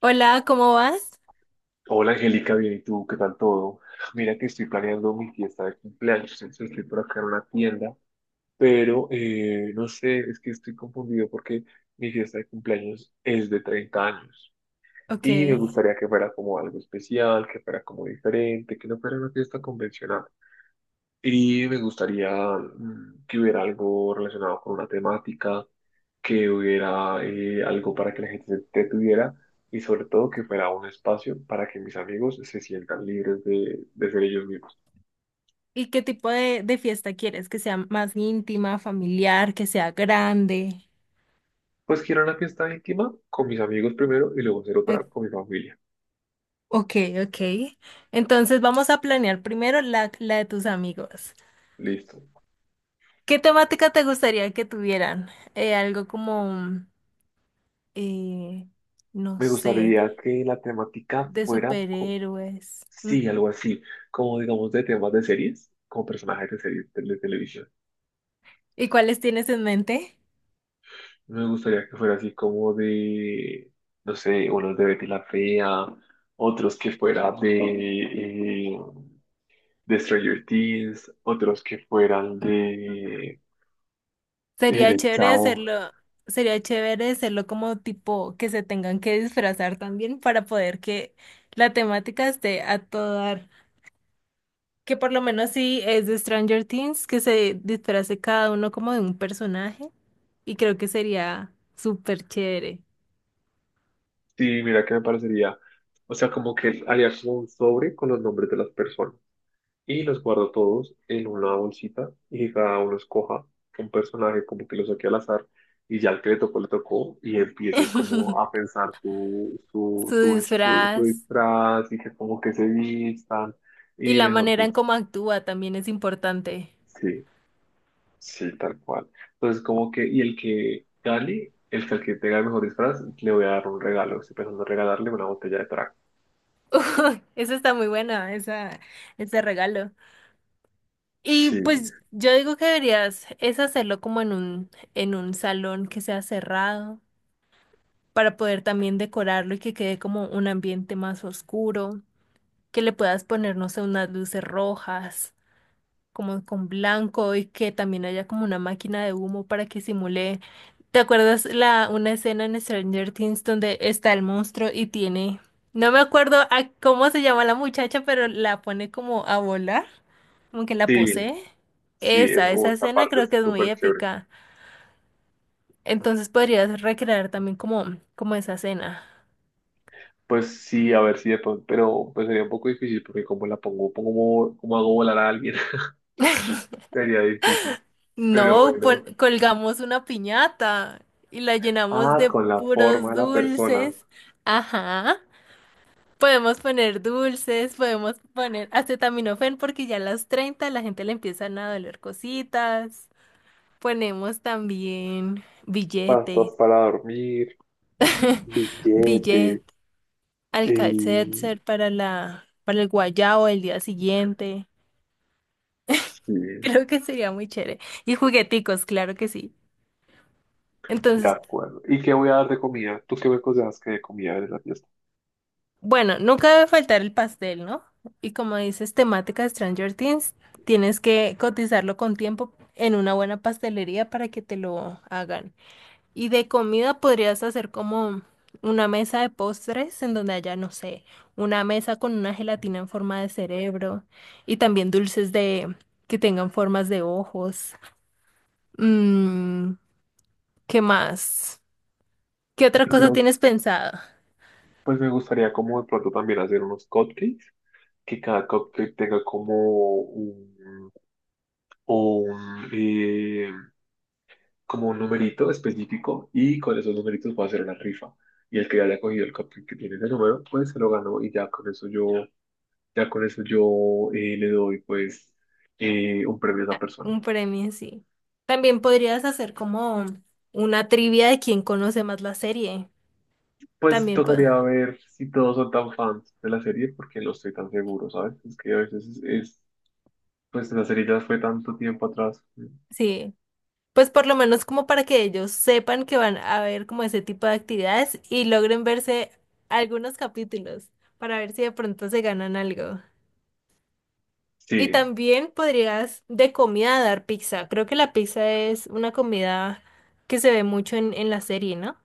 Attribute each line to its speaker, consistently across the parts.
Speaker 1: Hola, ¿cómo vas?
Speaker 2: Hola Angélica, bien, ¿y tú? ¿Qué tal todo? Mira que estoy planeando mi fiesta de cumpleaños, entonces estoy por acá en una tienda, pero no sé, es que estoy confundido porque mi fiesta de cumpleaños es de 30 años
Speaker 1: Ok.
Speaker 2: y me gustaría que fuera como algo especial, que fuera como diferente, que no fuera una fiesta convencional. Y me gustaría que hubiera algo relacionado con una temática, que hubiera algo para que la gente se entretuviera y sobre todo que fuera un espacio para que mis amigos se sientan libres de ser ellos mismos.
Speaker 1: ¿Y qué tipo de fiesta quieres? ¿Que sea más íntima, familiar, que sea grande?
Speaker 2: Pues quiero una fiesta íntima con mis amigos primero y luego hacer otra
Speaker 1: Ac-
Speaker 2: con mi familia.
Speaker 1: Ok, ok. Entonces vamos a planear primero la de tus amigos.
Speaker 2: Listo.
Speaker 1: ¿Qué temática te gustaría que tuvieran? Algo como, eh, no
Speaker 2: Me
Speaker 1: sé,
Speaker 2: gustaría que la temática
Speaker 1: de
Speaker 2: fuera,
Speaker 1: superhéroes.
Speaker 2: sí,
Speaker 1: Ujú.
Speaker 2: algo así, como digamos de temas de series, como personajes de series de televisión.
Speaker 1: ¿Y cuáles tienes en mente?
Speaker 2: Me gustaría que fuera así como de, no sé, unos de Betty la Fea, otros que fuera de Stranger Things, otros que fueran de El
Speaker 1: Sería
Speaker 2: del
Speaker 1: chévere
Speaker 2: Chavo.
Speaker 1: hacerlo, sería chévere hacerlo como tipo que se tengan que disfrazar también para poder que la temática esté a todo dar. Que por lo menos si es de Stranger Things, que se disfrace cada uno como de un personaje y creo que sería súper chévere.
Speaker 2: Sí, mira que me parecería, o sea, como que haría como un sobre con los nombres de las personas. Y los guardo todos en una bolsita y que cada uno escoja un personaje como que lo saque al azar y ya el que le tocó y empiece como a pensar su, su,
Speaker 1: Su
Speaker 2: su, su- su
Speaker 1: disfraz
Speaker 2: disfraz y que como que se vistan
Speaker 1: y
Speaker 2: y
Speaker 1: la
Speaker 2: mejor
Speaker 1: manera en
Speaker 2: dicho,
Speaker 1: cómo actúa también es importante.
Speaker 2: sí, sí, tal cual. Entonces como que, y el que gane, el que tenga el mejor disfraz, le voy a dar un regalo, estoy pensando en regalarle una botella de trago.
Speaker 1: Eso está muy buena, esa, ese regalo. Y
Speaker 2: Sí,
Speaker 1: pues yo digo que deberías es hacerlo como en un salón que sea cerrado para poder también decorarlo y que quede como un ambiente más oscuro, que le puedas poner, no sé, unas luces rojas como con blanco y que también haya como una máquina de humo para que simule. ¿Te acuerdas la una escena en Stranger Things donde está el monstruo y tiene, no me acuerdo a cómo se llama la muchacha, pero la pone como a volar, como que la
Speaker 2: sí,
Speaker 1: posee?
Speaker 2: sí,
Speaker 1: Esa,
Speaker 2: oh,
Speaker 1: esa
Speaker 2: esta
Speaker 1: escena
Speaker 2: parte
Speaker 1: creo
Speaker 2: es
Speaker 1: que es muy
Speaker 2: súper chévere.
Speaker 1: épica. Entonces podrías recrear también como, como esa escena.
Speaker 2: Pues sí, a ver si de pronto, pero pues sería un poco difícil porque como la pongo, pongo como hago volar a alguien, sería difícil. Pero
Speaker 1: No,
Speaker 2: bueno,
Speaker 1: colgamos una piñata y la llenamos
Speaker 2: ah,
Speaker 1: de
Speaker 2: con la forma
Speaker 1: puros
Speaker 2: de la persona,
Speaker 1: dulces. Ajá. Podemos poner dulces, podemos poner acetaminofén porque ya a las 30 la gente le empiezan a doler cositas. Ponemos también billetes,
Speaker 2: pastos para dormir,
Speaker 1: billet,
Speaker 2: billetes, eh,
Speaker 1: alka para la, para el guayao el día siguiente.
Speaker 2: sí,
Speaker 1: Creo que sería muy chévere. Y jugueticos, claro que sí.
Speaker 2: de
Speaker 1: Entonces
Speaker 2: acuerdo. ¿Y qué voy a dar de comida? ¿Tú qué me aconsejas que de comida de la fiesta?
Speaker 1: bueno, nunca debe faltar el pastel, ¿no? Y como dices, temática Stranger Things, tienes que cotizarlo con tiempo en una buena pastelería para que te lo hagan. Y de comida podrías hacer como una mesa de postres en donde haya, no sé, una mesa con una gelatina en forma de cerebro y también dulces de que tengan formas de ojos. Mm, ¿Qué más? ¿Qué otra
Speaker 2: Yo
Speaker 1: cosa
Speaker 2: creo,
Speaker 1: tienes pensado?
Speaker 2: pues me gustaría como de pronto también hacer unos cupcakes, que cada cupcake tenga como un, un, eh, como un numerito específico y con esos numeritos puedo hacer una rifa. Y el que ya haya cogido el cupcake que tiene ese número, pues se lo ganó y ya con eso yo, ya con eso yo le doy pues un premio a esa
Speaker 1: Ah,
Speaker 2: persona.
Speaker 1: un premio, sí. También podrías hacer como una trivia de quién conoce más la serie.
Speaker 2: Pues
Speaker 1: También,
Speaker 2: tocaría ver si todos son tan fans de la serie porque no estoy tan seguro, ¿sabes? Es que a veces es pues la serie ya fue tanto tiempo atrás.
Speaker 1: sí. Pues por lo menos como para que ellos sepan que van a ver como ese tipo de actividades y logren verse algunos capítulos para ver si de pronto se ganan algo. Y
Speaker 2: Sí,
Speaker 1: también podrías de comida dar pizza. Creo que la pizza es una comida que se ve mucho en la serie, ¿no?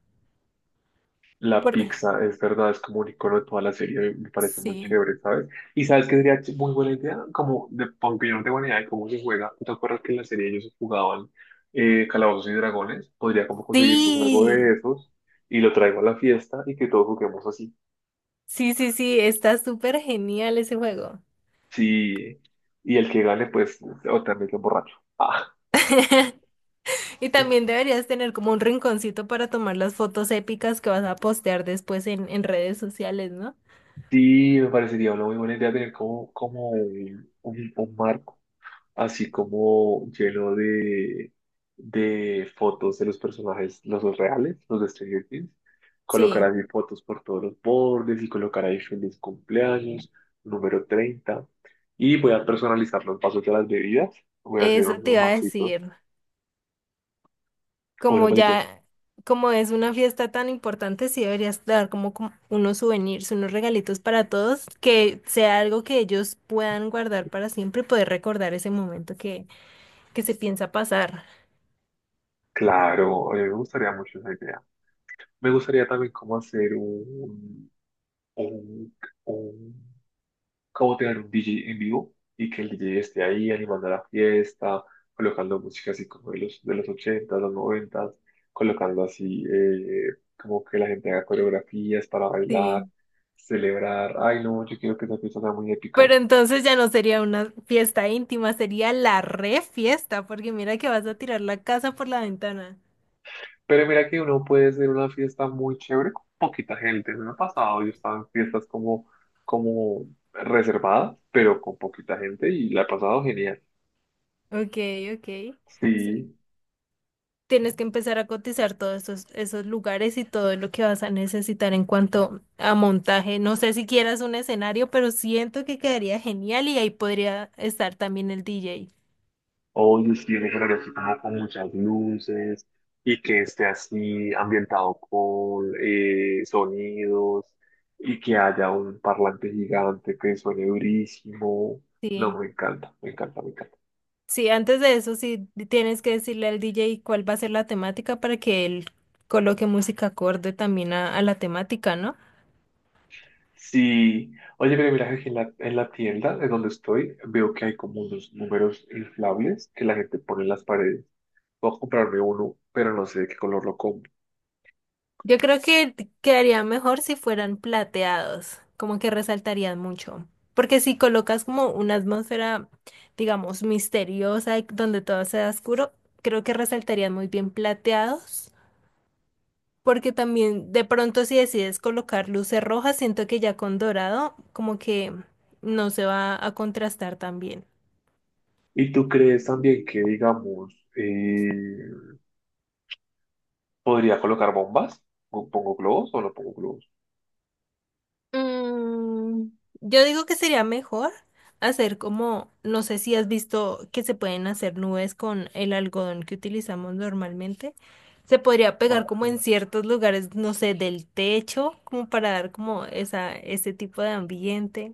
Speaker 2: la
Speaker 1: Por...
Speaker 2: pizza, es verdad, es como un icono de toda la serie, me parece muy
Speaker 1: Sí.
Speaker 2: chévere, ¿sabes? Y sabes que sería muy buena idea, como, de, aunque yo no tengo ni idea de cómo se juega, ¿no? ¿Te acuerdas que en la serie ellos jugaban Calabozos y Dragones? Podría como conseguir un juego de
Speaker 1: Sí.
Speaker 2: esos y lo traigo a la fiesta y que todos juguemos así.
Speaker 1: Sí, sí, sí, está súper genial ese juego.
Speaker 2: Sí, y el que gane, pues, o también es borracho. Ah,
Speaker 1: Y también deberías tener como un rinconcito para tomar las fotos épicas que vas a postear después en redes sociales, ¿no?
Speaker 2: sí, me parecería una muy buena idea tener como, como un marco así como lleno de fotos de los personajes, los dos reales, los de Stranger Things. Colocar
Speaker 1: Sí,
Speaker 2: así fotos por todos los bordes y colocar ahí feliz cumpleaños, número 30. Y voy a personalizar los vasos de las bebidas. Voy a hacer
Speaker 1: eso te
Speaker 2: unos
Speaker 1: iba a
Speaker 2: vasitos.
Speaker 1: decir.
Speaker 2: O unos
Speaker 1: Como
Speaker 2: vasitos.
Speaker 1: ya, como es una fiesta tan importante, sí deberías dar como, como unos souvenirs, unos regalitos para todos, que sea algo que ellos puedan guardar para siempre y poder recordar ese momento que se piensa pasar.
Speaker 2: Claro, a mí me gustaría mucho esa idea. Me gustaría también como hacer un, un como tener un DJ en vivo y que el DJ esté ahí animando la fiesta, colocando música así como de los 80, los 90, colocando así como que la gente haga coreografías para bailar,
Speaker 1: Sí.
Speaker 2: celebrar. Ay, no, yo quiero que esa fiesta sea muy épica.
Speaker 1: Pero entonces ya no sería una fiesta íntima, sería la re fiesta, porque mira que vas a tirar la casa por la ventana.
Speaker 2: Pero mira que uno puede hacer una fiesta muy chévere con poquita gente. Me ha pasado, yo estaba en fiestas como, como reservadas, pero con poquita gente y la he pasado genial.
Speaker 1: Ok, ok. Sí,
Speaker 2: Sí.
Speaker 1: tienes que empezar a cotizar todos esos, esos lugares y todo lo que vas a necesitar en cuanto a montaje. No sé si quieras un escenario, pero siento que quedaría genial y ahí podría estar también el DJ.
Speaker 2: Oye, sí, yo creo que así como con muchas luces y que esté así ambientado con sonidos y que haya un parlante gigante que suene durísimo. No,
Speaker 1: Sí.
Speaker 2: me encanta, me encanta, me encanta.
Speaker 1: Sí, antes de eso, sí tienes que decirle al DJ cuál va a ser la temática para que él coloque música acorde también a la temática, ¿no?
Speaker 2: Sí, oye, pero mira que aquí en en la tienda de donde estoy veo que hay como unos números inflables que la gente pone en las paredes. Voy a comprarme uno, pero no sé de qué color lo compro.
Speaker 1: Yo creo que quedaría mejor si fueran plateados, como que resaltarían mucho. Porque si colocas como una atmósfera, digamos, misteriosa, y donde todo sea oscuro, creo que resaltarían muy bien plateados. Porque también de pronto si decides colocar luces rojas, siento que ya con dorado como que no se va a contrastar tan bien.
Speaker 2: ¿Y tú crees también que, digamos, podría colocar bombas? ¿Pongo globos o no pongo globos?
Speaker 1: Mm, yo digo que sería mejor hacer como, no sé si has visto que se pueden hacer nubes con el algodón que utilizamos normalmente. Se podría
Speaker 2: Ah,
Speaker 1: pegar como en
Speaker 2: sí.
Speaker 1: ciertos lugares, no sé, del techo, como para dar como esa, ese tipo de ambiente.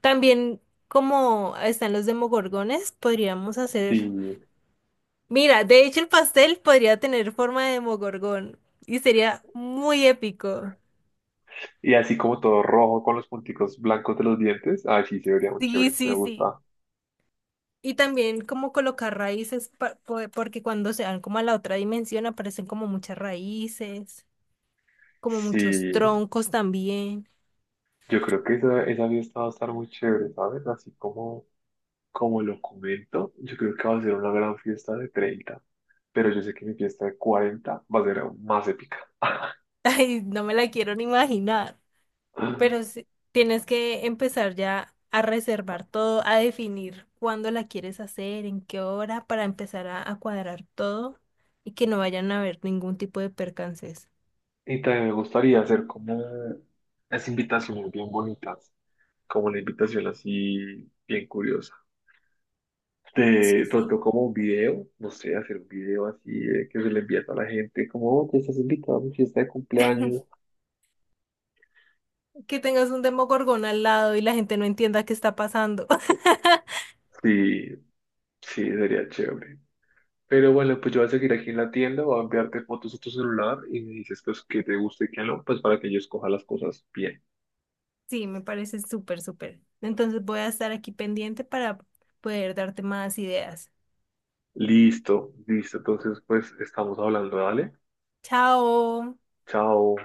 Speaker 1: También como están los demogorgones, podríamos
Speaker 2: Y,
Speaker 1: hacer... Mira, de hecho el pastel podría tener forma de demogorgón y sería muy épico.
Speaker 2: y así como todo rojo con los punticos blancos de los dientes. Ah, sí, se vería muy
Speaker 1: Sí,
Speaker 2: chévere. Me
Speaker 1: sí, sí.
Speaker 2: gusta.
Speaker 1: Y también como colocar raíces, porque cuando se van como a la otra dimensión aparecen como muchas raíces, como
Speaker 2: Sí,
Speaker 1: muchos troncos también.
Speaker 2: yo creo que esa fiesta va a estar muy chévere, ¿sabes? Así como, como lo comento, yo creo que va a ser una gran fiesta de 30. Pero yo sé que mi fiesta de 40 va a ser aún más épica.
Speaker 1: Ay, no me la quiero ni imaginar. Pero sí, tienes que empezar ya a reservar todo, a definir cuándo la quieres hacer, en qué hora, para empezar a cuadrar todo y que no vayan a haber ningún tipo de percances.
Speaker 2: Y también me gustaría hacer como las invitaciones bien bonitas, como la invitación así bien curiosa. Te
Speaker 1: Sí, sí.
Speaker 2: trató como un video, no sé, hacer un video así que se le envía a toda la gente, como, oye, estás invitado a mi fiesta de cumpleaños.
Speaker 1: Que tengas un demogorgón al lado y la gente no entienda qué está pasando.
Speaker 2: Sí, sí, sería chévere. Pero bueno, pues yo voy a seguir aquí en la tienda, voy a enviarte fotos a tu celular y me dices pues que te guste y que no, pues para que yo escoja las cosas bien.
Speaker 1: Sí, me parece súper, súper. Entonces voy a estar aquí pendiente para poder darte más ideas.
Speaker 2: Listo, listo. Entonces, pues estamos hablando, dale.
Speaker 1: Chao.
Speaker 2: Chao.